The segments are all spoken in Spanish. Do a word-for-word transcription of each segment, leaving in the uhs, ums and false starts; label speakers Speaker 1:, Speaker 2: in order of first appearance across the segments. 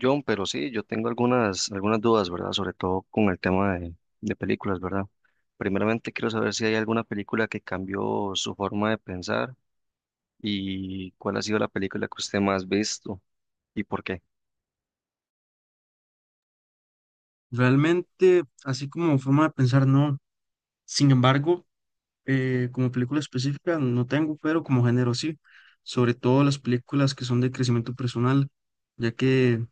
Speaker 1: John, pero sí, yo tengo algunas, algunas dudas, ¿verdad? Sobre todo con el tema de, de películas, ¿verdad? Primeramente quiero saber si hay alguna película que cambió su forma de pensar y cuál ha sido la película que usted más ha visto y por qué.
Speaker 2: Realmente, así como forma de pensar, no. Sin embargo, eh, como película específica no tengo, pero como género sí. Sobre todo las películas que son de crecimiento personal, ya que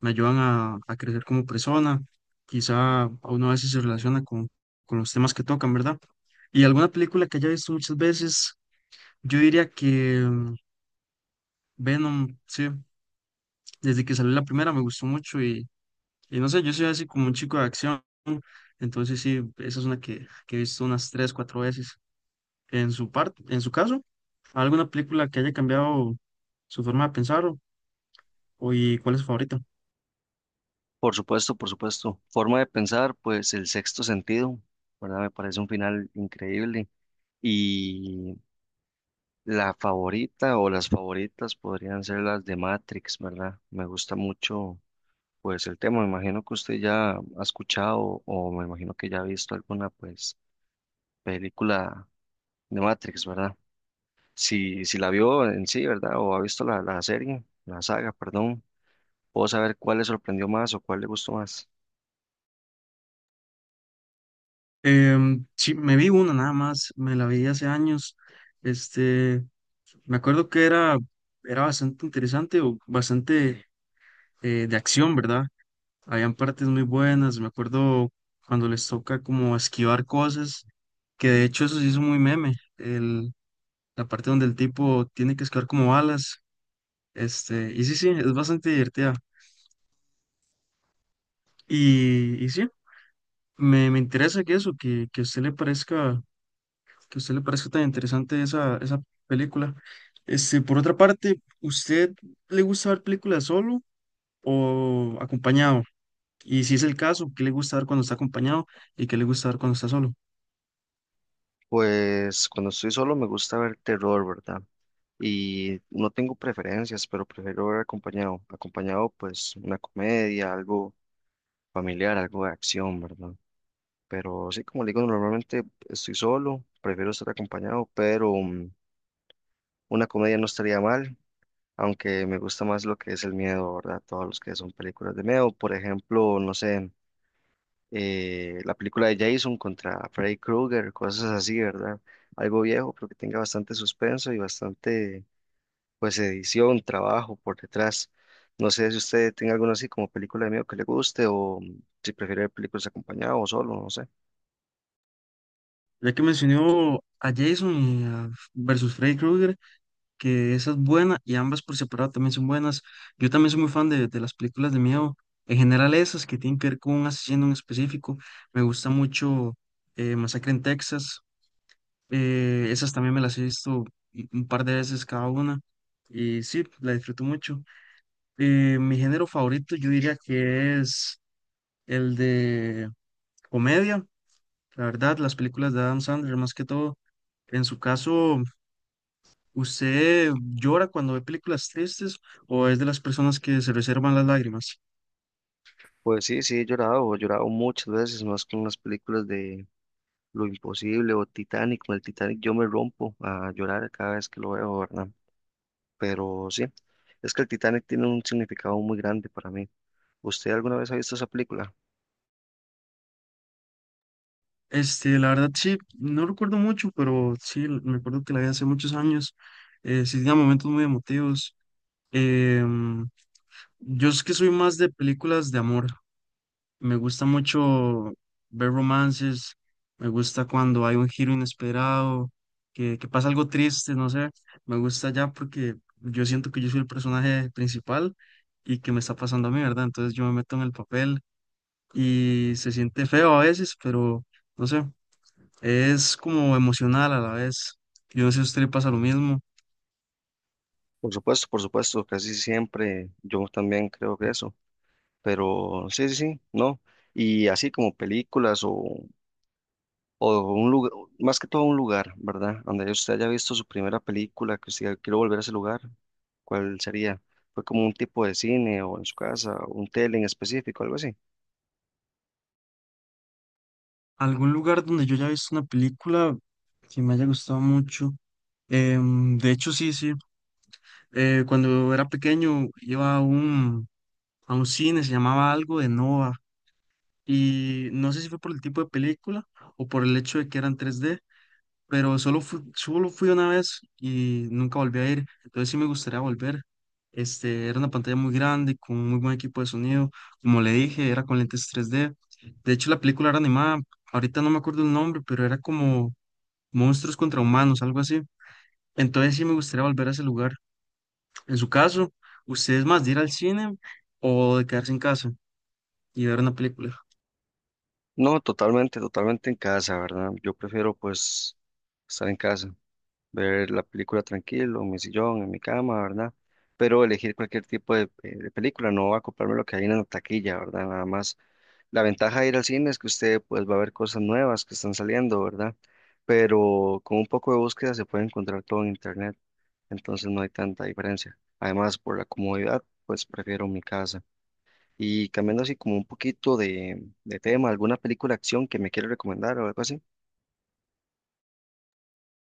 Speaker 2: me ayudan a, a crecer como persona. Quizá a uno a veces se relaciona con, con los temas que tocan, ¿verdad? Y alguna película que haya visto muchas veces, yo diría que mm, Venom, sí. Desde que salió la primera me gustó mucho. Y no sé, yo soy así como un chico de acción, entonces sí, esa es una que, que he visto unas tres, cuatro veces. En su parte, en su caso, ¿alguna película que haya cambiado su forma de pensar o, o y cuál es su favorita?
Speaker 1: Por supuesto, por supuesto. Forma de pensar, pues El Sexto Sentido, ¿verdad? Me parece un final increíble. Y la favorita o las favoritas podrían ser las de Matrix, ¿verdad? Me gusta mucho. Pues el tema, me imagino que usted ya ha escuchado o me imagino que ya ha visto alguna pues película de Matrix, ¿verdad? Si, si la vio en sí, ¿verdad? O ha visto la, la serie, la saga, perdón, puedo saber cuál le sorprendió más o cuál le gustó más.
Speaker 2: Em, sí, me vi una nada más, me la vi hace años, este, me acuerdo que era, era bastante interesante o bastante eh, de acción, ¿verdad? Habían partes muy buenas, me acuerdo cuando les toca como esquivar cosas, que de hecho eso sí es muy meme, el, la parte donde el tipo tiene que esquivar como balas, este, y sí, sí, es bastante divertida. Y, y sí, me, me interesa que eso, que, que a usted le parezca, que a usted le parezca tan interesante esa, esa película. Este, por otra parte, ¿usted le gusta ver películas solo o acompañado? Y si es el caso, ¿qué le gusta ver cuando está acompañado y qué le gusta ver cuando está solo?
Speaker 1: Pues cuando estoy solo me gusta ver terror, ¿verdad? Y no tengo preferencias, pero prefiero ver acompañado. Acompañado pues una comedia, algo familiar, algo de acción, ¿verdad? Pero sí, como le digo, normalmente estoy solo, prefiero estar acompañado, pero mm, una comedia no estaría mal, aunque me gusta más lo que es el miedo, ¿verdad? Todos los que son películas de miedo, por ejemplo, no sé, eh, la película de Jason contra Freddy Krueger, cosas así, ¿verdad? Algo viejo, pero que tenga bastante suspenso y bastante, pues, edición, trabajo por detrás. No sé si usted tenga alguna así como película de miedo que le guste o mm, si prefiere ver películas acompañado o solo, no sé.
Speaker 2: Ya que mencionó a Jason y a versus Freddy Krueger, que esa es buena y ambas por separado también son buenas. Yo también soy muy fan de, de las películas de miedo, en general esas que tienen que ver con un asesino en específico. Me gusta mucho eh, Masacre en Texas. Eh, esas también me las he visto y- un par de veces cada una y sí, la disfruto mucho. Eh, mi género favorito yo diría que es el de comedia, la verdad, las películas de Adam Sandler más que todo. En su caso, ¿usted llora cuando ve películas tristes o es de las personas que se reservan las lágrimas?
Speaker 1: Pues sí, sí, he llorado, he llorado muchas veces, más con las películas de Lo Imposible o Titanic. Con el Titanic yo me rompo a llorar cada vez que lo veo, ¿verdad? Pero sí, es que el Titanic tiene un significado muy grande para mí. ¿Usted alguna vez ha visto esa película?
Speaker 2: Este, la verdad sí, no recuerdo mucho, pero sí, l- me acuerdo que la vi hace muchos años. Eh, sí, tenía momentos muy emotivos. Em, yo es que soy más de películas de amor. Me gusta mucho ver romances, me gusta cuando hay un giro inesperado, que, que pasa algo triste, no sé, me gusta ya porque yo siento que yo soy el personaje principal y que me está pasando a mí, ¿verdad? Entonces yo me meto en el papel y se siente feo a veces, pero no sé, es como emocional a la vez. Yo no sé si a usted le pasa lo mismo.
Speaker 1: Por supuesto, por supuesto, casi siempre yo también creo que eso. Pero sí, sí, sí, no. Y así como películas o O un lugar, más que todo un lugar, ¿verdad? Donde usted haya visto su primera película, que usted diga, quiero volver a ese lugar, ¿cuál sería? ¿Fue como un tipo de cine o en su casa, o un tele en específico, algo así?
Speaker 2: ¿Algún lugar donde yo haya visto una película que me haya gustado mucho? Em, de hecho, sí, sí. Eh, cuando era pequeño iba a un, a un cine, se llamaba algo de Nova, y no sé si fue por el tipo de película o por el hecho de que eran tres D, pero solo fui, solo fui una vez y nunca volví a ir, entonces sí me gustaría volver. Este, era una pantalla muy grande, con muy buen equipo de sonido, como le dije, era con lentes tres D. De hecho, la película era animada, ahorita no me acuerdo el nombre, pero era como Monstruos contra Humanos, algo así. Entonces sí me gustaría volver a ese lugar. En su caso, ¿usted es más de ir al cine o de quedarse en casa y ver una película?
Speaker 1: No, totalmente, totalmente en casa, ¿verdad? Yo prefiero pues estar en casa, ver la película tranquilo, en mi sillón, en mi cama, ¿verdad? Pero elegir cualquier tipo de, eh, de película, no acoplarme a lo que hay en la taquilla, ¿verdad? Nada más. La ventaja de ir al cine es que usted pues va a ver cosas nuevas que están saliendo, ¿verdad? Pero con un poco de búsqueda se puede encontrar todo en internet, entonces no hay tanta diferencia. Además, por la comodidad, pues prefiero mi casa. Y cambiando así como un poquito de, de tema, ¿alguna película de acción que me quiere recomendar o algo así?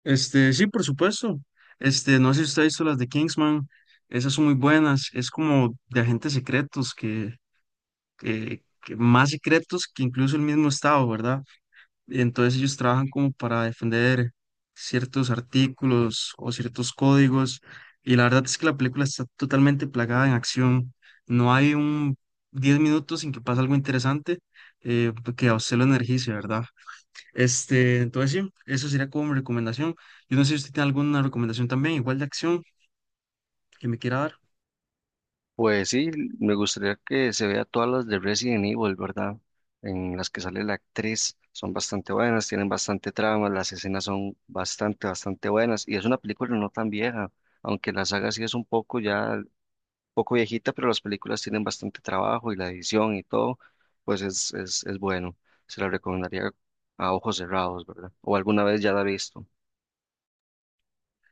Speaker 2: Este, sí, por supuesto. Este, no sé si usted ha visto las de Kingsman, esas son muy buenas, es como de agentes secretos que, que, que más secretos que incluso el mismo Estado, ¿verdad? Entonces ellos trabajan como para defender ciertos artículos o ciertos códigos. Y la verdad es que la película está totalmente plagada en acción. No hay un diez minutos sin que pase algo interesante eh, que a usted lo energice, ¿verdad? Este, entonces sí, eso sería como mi recomendación. Yo no sé si usted tiene alguna recomendación también, igual de acción, que me quiera dar.
Speaker 1: Pues sí, me gustaría que se vea todas las de Resident Evil, ¿verdad? En las que sale la actriz, son bastante buenas, tienen bastante trama, las escenas son bastante, bastante buenas y es una película no tan vieja, aunque la saga sí es un poco ya, poco viejita, pero las películas tienen bastante trabajo y la edición y todo, pues es, es, es bueno. Se la recomendaría a ojos cerrados, ¿verdad? O alguna vez ya la he visto.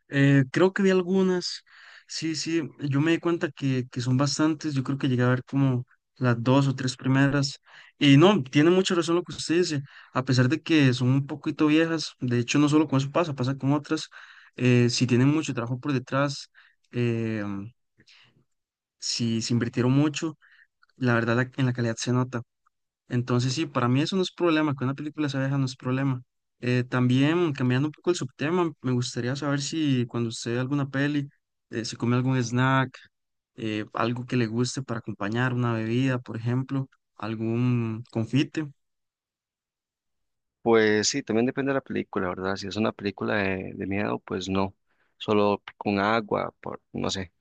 Speaker 2: Eh, creo que vi algunas. Sí, sí, yo me di cuenta que, que son bastantes. Yo creo que llegué a ver como las dos o tres primeras. Y no, tiene mucha razón lo que usted dice. A pesar de que son un poquito viejas, de hecho, no solo con eso pasa, pasa con otras. Eh, si tienen mucho trabajo por detrás, eh, si se invirtieron mucho, la verdad la- en la calidad se nota. Entonces, sí, para mí eso no es problema, que una película sea vieja no es problema. Eh, también, cambiando un poco el subtema, me gustaría saber si cuando usted ve alguna peli, eh, se come algún snack, eh, algo que le guste para acompañar, una bebida, por ejemplo, algún confite.
Speaker 1: Pues sí, también depende de la película, ¿verdad? Si es una película de, de miedo, pues no, solo con agua, por, no sé.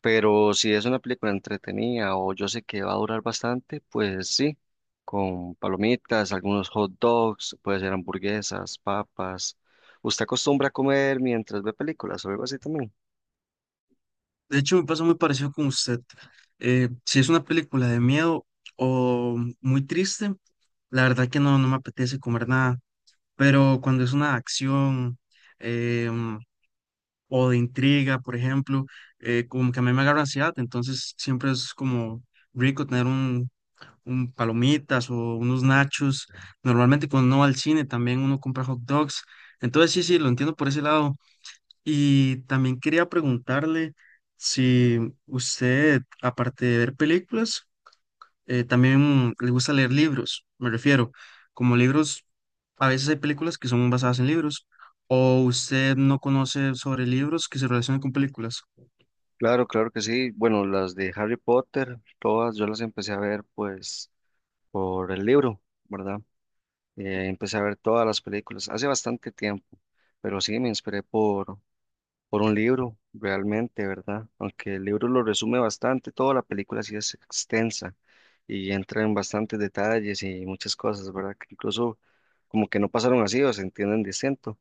Speaker 1: Pero si es una película entretenida o yo sé que va a durar bastante, pues sí, con palomitas, algunos hot dogs, puede ser hamburguesas, papas. ¿Usted acostumbra a comer mientras ve películas o algo así también?
Speaker 2: De hecho, me pasa muy parecido con usted. Eh, si es una película de miedo o muy triste, la verdad que no, no me apetece comer nada, pero cuando es una acción, eh, o de intriga, por ejemplo, eh, como que a mí me agarra ansiedad, entonces siempre es como rico tener un, un palomitas o unos nachos. Normalmente cuando uno va al cine también uno compra hot dogs. Entonces sí, sí, lo entiendo por ese lado. Y también quería preguntarle si usted, aparte de ver películas, eh, también le gusta leer libros, me refiero, como libros, a veces hay películas que son basadas en libros, o usted no conoce sobre libros que se relacionan con películas.
Speaker 1: Claro, claro que sí. Bueno, las de Harry Potter, todas yo las empecé a ver pues por el libro, ¿verdad? Eh, empecé a ver todas las películas hace bastante tiempo, pero sí me inspiré por, por un libro, realmente, ¿verdad? Aunque el libro lo resume bastante, toda la película sí es extensa y entra en bastantes detalles y muchas cosas, ¿verdad? Que incluso como que no pasaron así o se entienden distinto.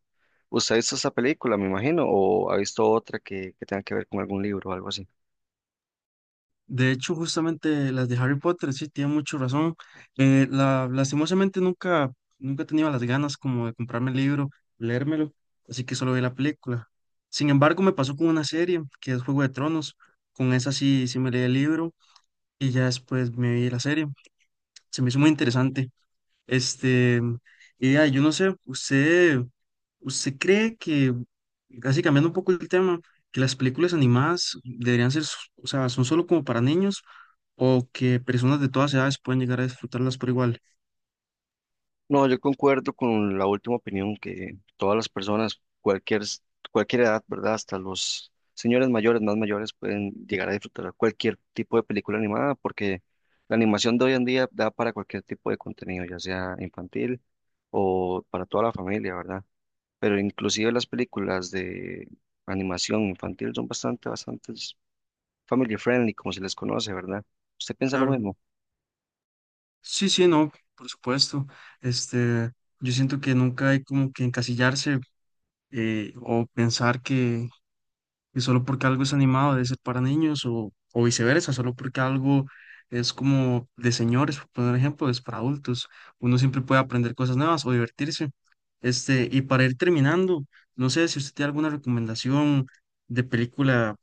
Speaker 1: ¿Usted ha visto esta película, me imagino, o ha visto otra que, que tenga que ver con algún libro o algo así?
Speaker 2: De hecho, justamente las de Harry Potter, sí, tiene mucho razón. Eh, la, lastimosamente nunca, nunca he tenido las ganas como de comprarme el libro, leérmelo, así que solo vi la película. Sin embargo, me pasó con una serie, que es Juego de Tronos. Con esa sí, sí me leí el libro y ya después me vi la serie. Se me hizo muy interesante. Este, y ah, yo no sé, usted, usted cree que, casi cambiando un poco el tema, que las películas animadas deberían ser, s- o sea, son solo como para niños o que personas de todas edades pueden llegar a disfrutarlas por igual.
Speaker 1: No, yo concuerdo con la última opinión que todas las personas, cualquier, s- cualquier edad, ¿verdad? Hasta los señores mayores, más mayores, pueden llegar a disfrutar cualquier tipo de película animada, porque la animación de hoy en día da para cualquier tipo de contenido, ya sea infantil o para toda la familia, ¿verdad? Pero inclusive las películas de animación infantil son bastante, bastante family friendly, como se les conoce, ¿verdad? ¿Usted piensa lo
Speaker 2: Claro.
Speaker 1: mismo?
Speaker 2: Sí, sí, no, por supuesto. Este, yo siento que nunca hay como que encasillarse eh, o pensar que y solo porque algo es animado debe ser para niños o, o viceversa, solo porque algo es como de señores, por poner ejemplo, es para adultos. Uno siempre puede aprender cosas nuevas o divertirse. Este, y para ir terminando, no sé si usted tiene alguna recomendación de película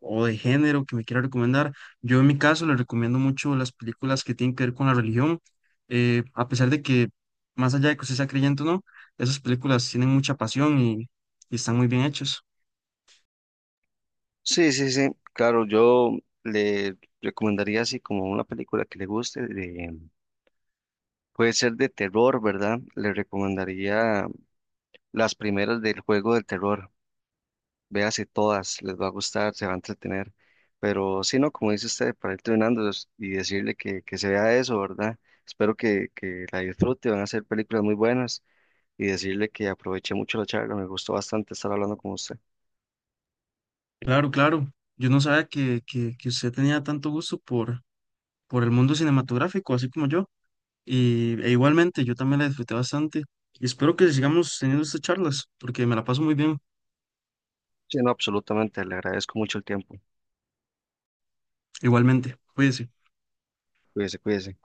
Speaker 2: o de género que me quiera recomendar. Yo en mi caso le recomiendo mucho las películas que tienen que ver con la religión, eh, a pesar de que más allá de que usted sea creyente o no, esas películas tienen mucha pasión y, y están muy bien hechas.
Speaker 1: Sí, sí, sí, claro, yo le recomendaría así como una película que le guste, de- puede ser de terror, ¿verdad? Le recomendaría las primeras del juego del terror, véase todas, les va a gustar, se va a entretener, pero si no, como dice usted, para ir entrenándolos y decirle que, que se vea eso, ¿verdad? Espero que, que la disfrute, van a ser películas muy buenas y decirle que aproveché mucho la charla, me gustó bastante estar hablando con usted.
Speaker 2: Claro, claro. Yo no sabía que, que, que usted tenía tanto gusto por, por el mundo cinematográfico, así como yo. Y, e igualmente, yo también la disfruté bastante. Y espero que sigamos teniendo estas charlas, porque me la paso muy bien.
Speaker 1: Sí, no, absolutamente, le agradezco mucho el tiempo,
Speaker 2: Igualmente, cuídese.
Speaker 1: cuídese, cuídese.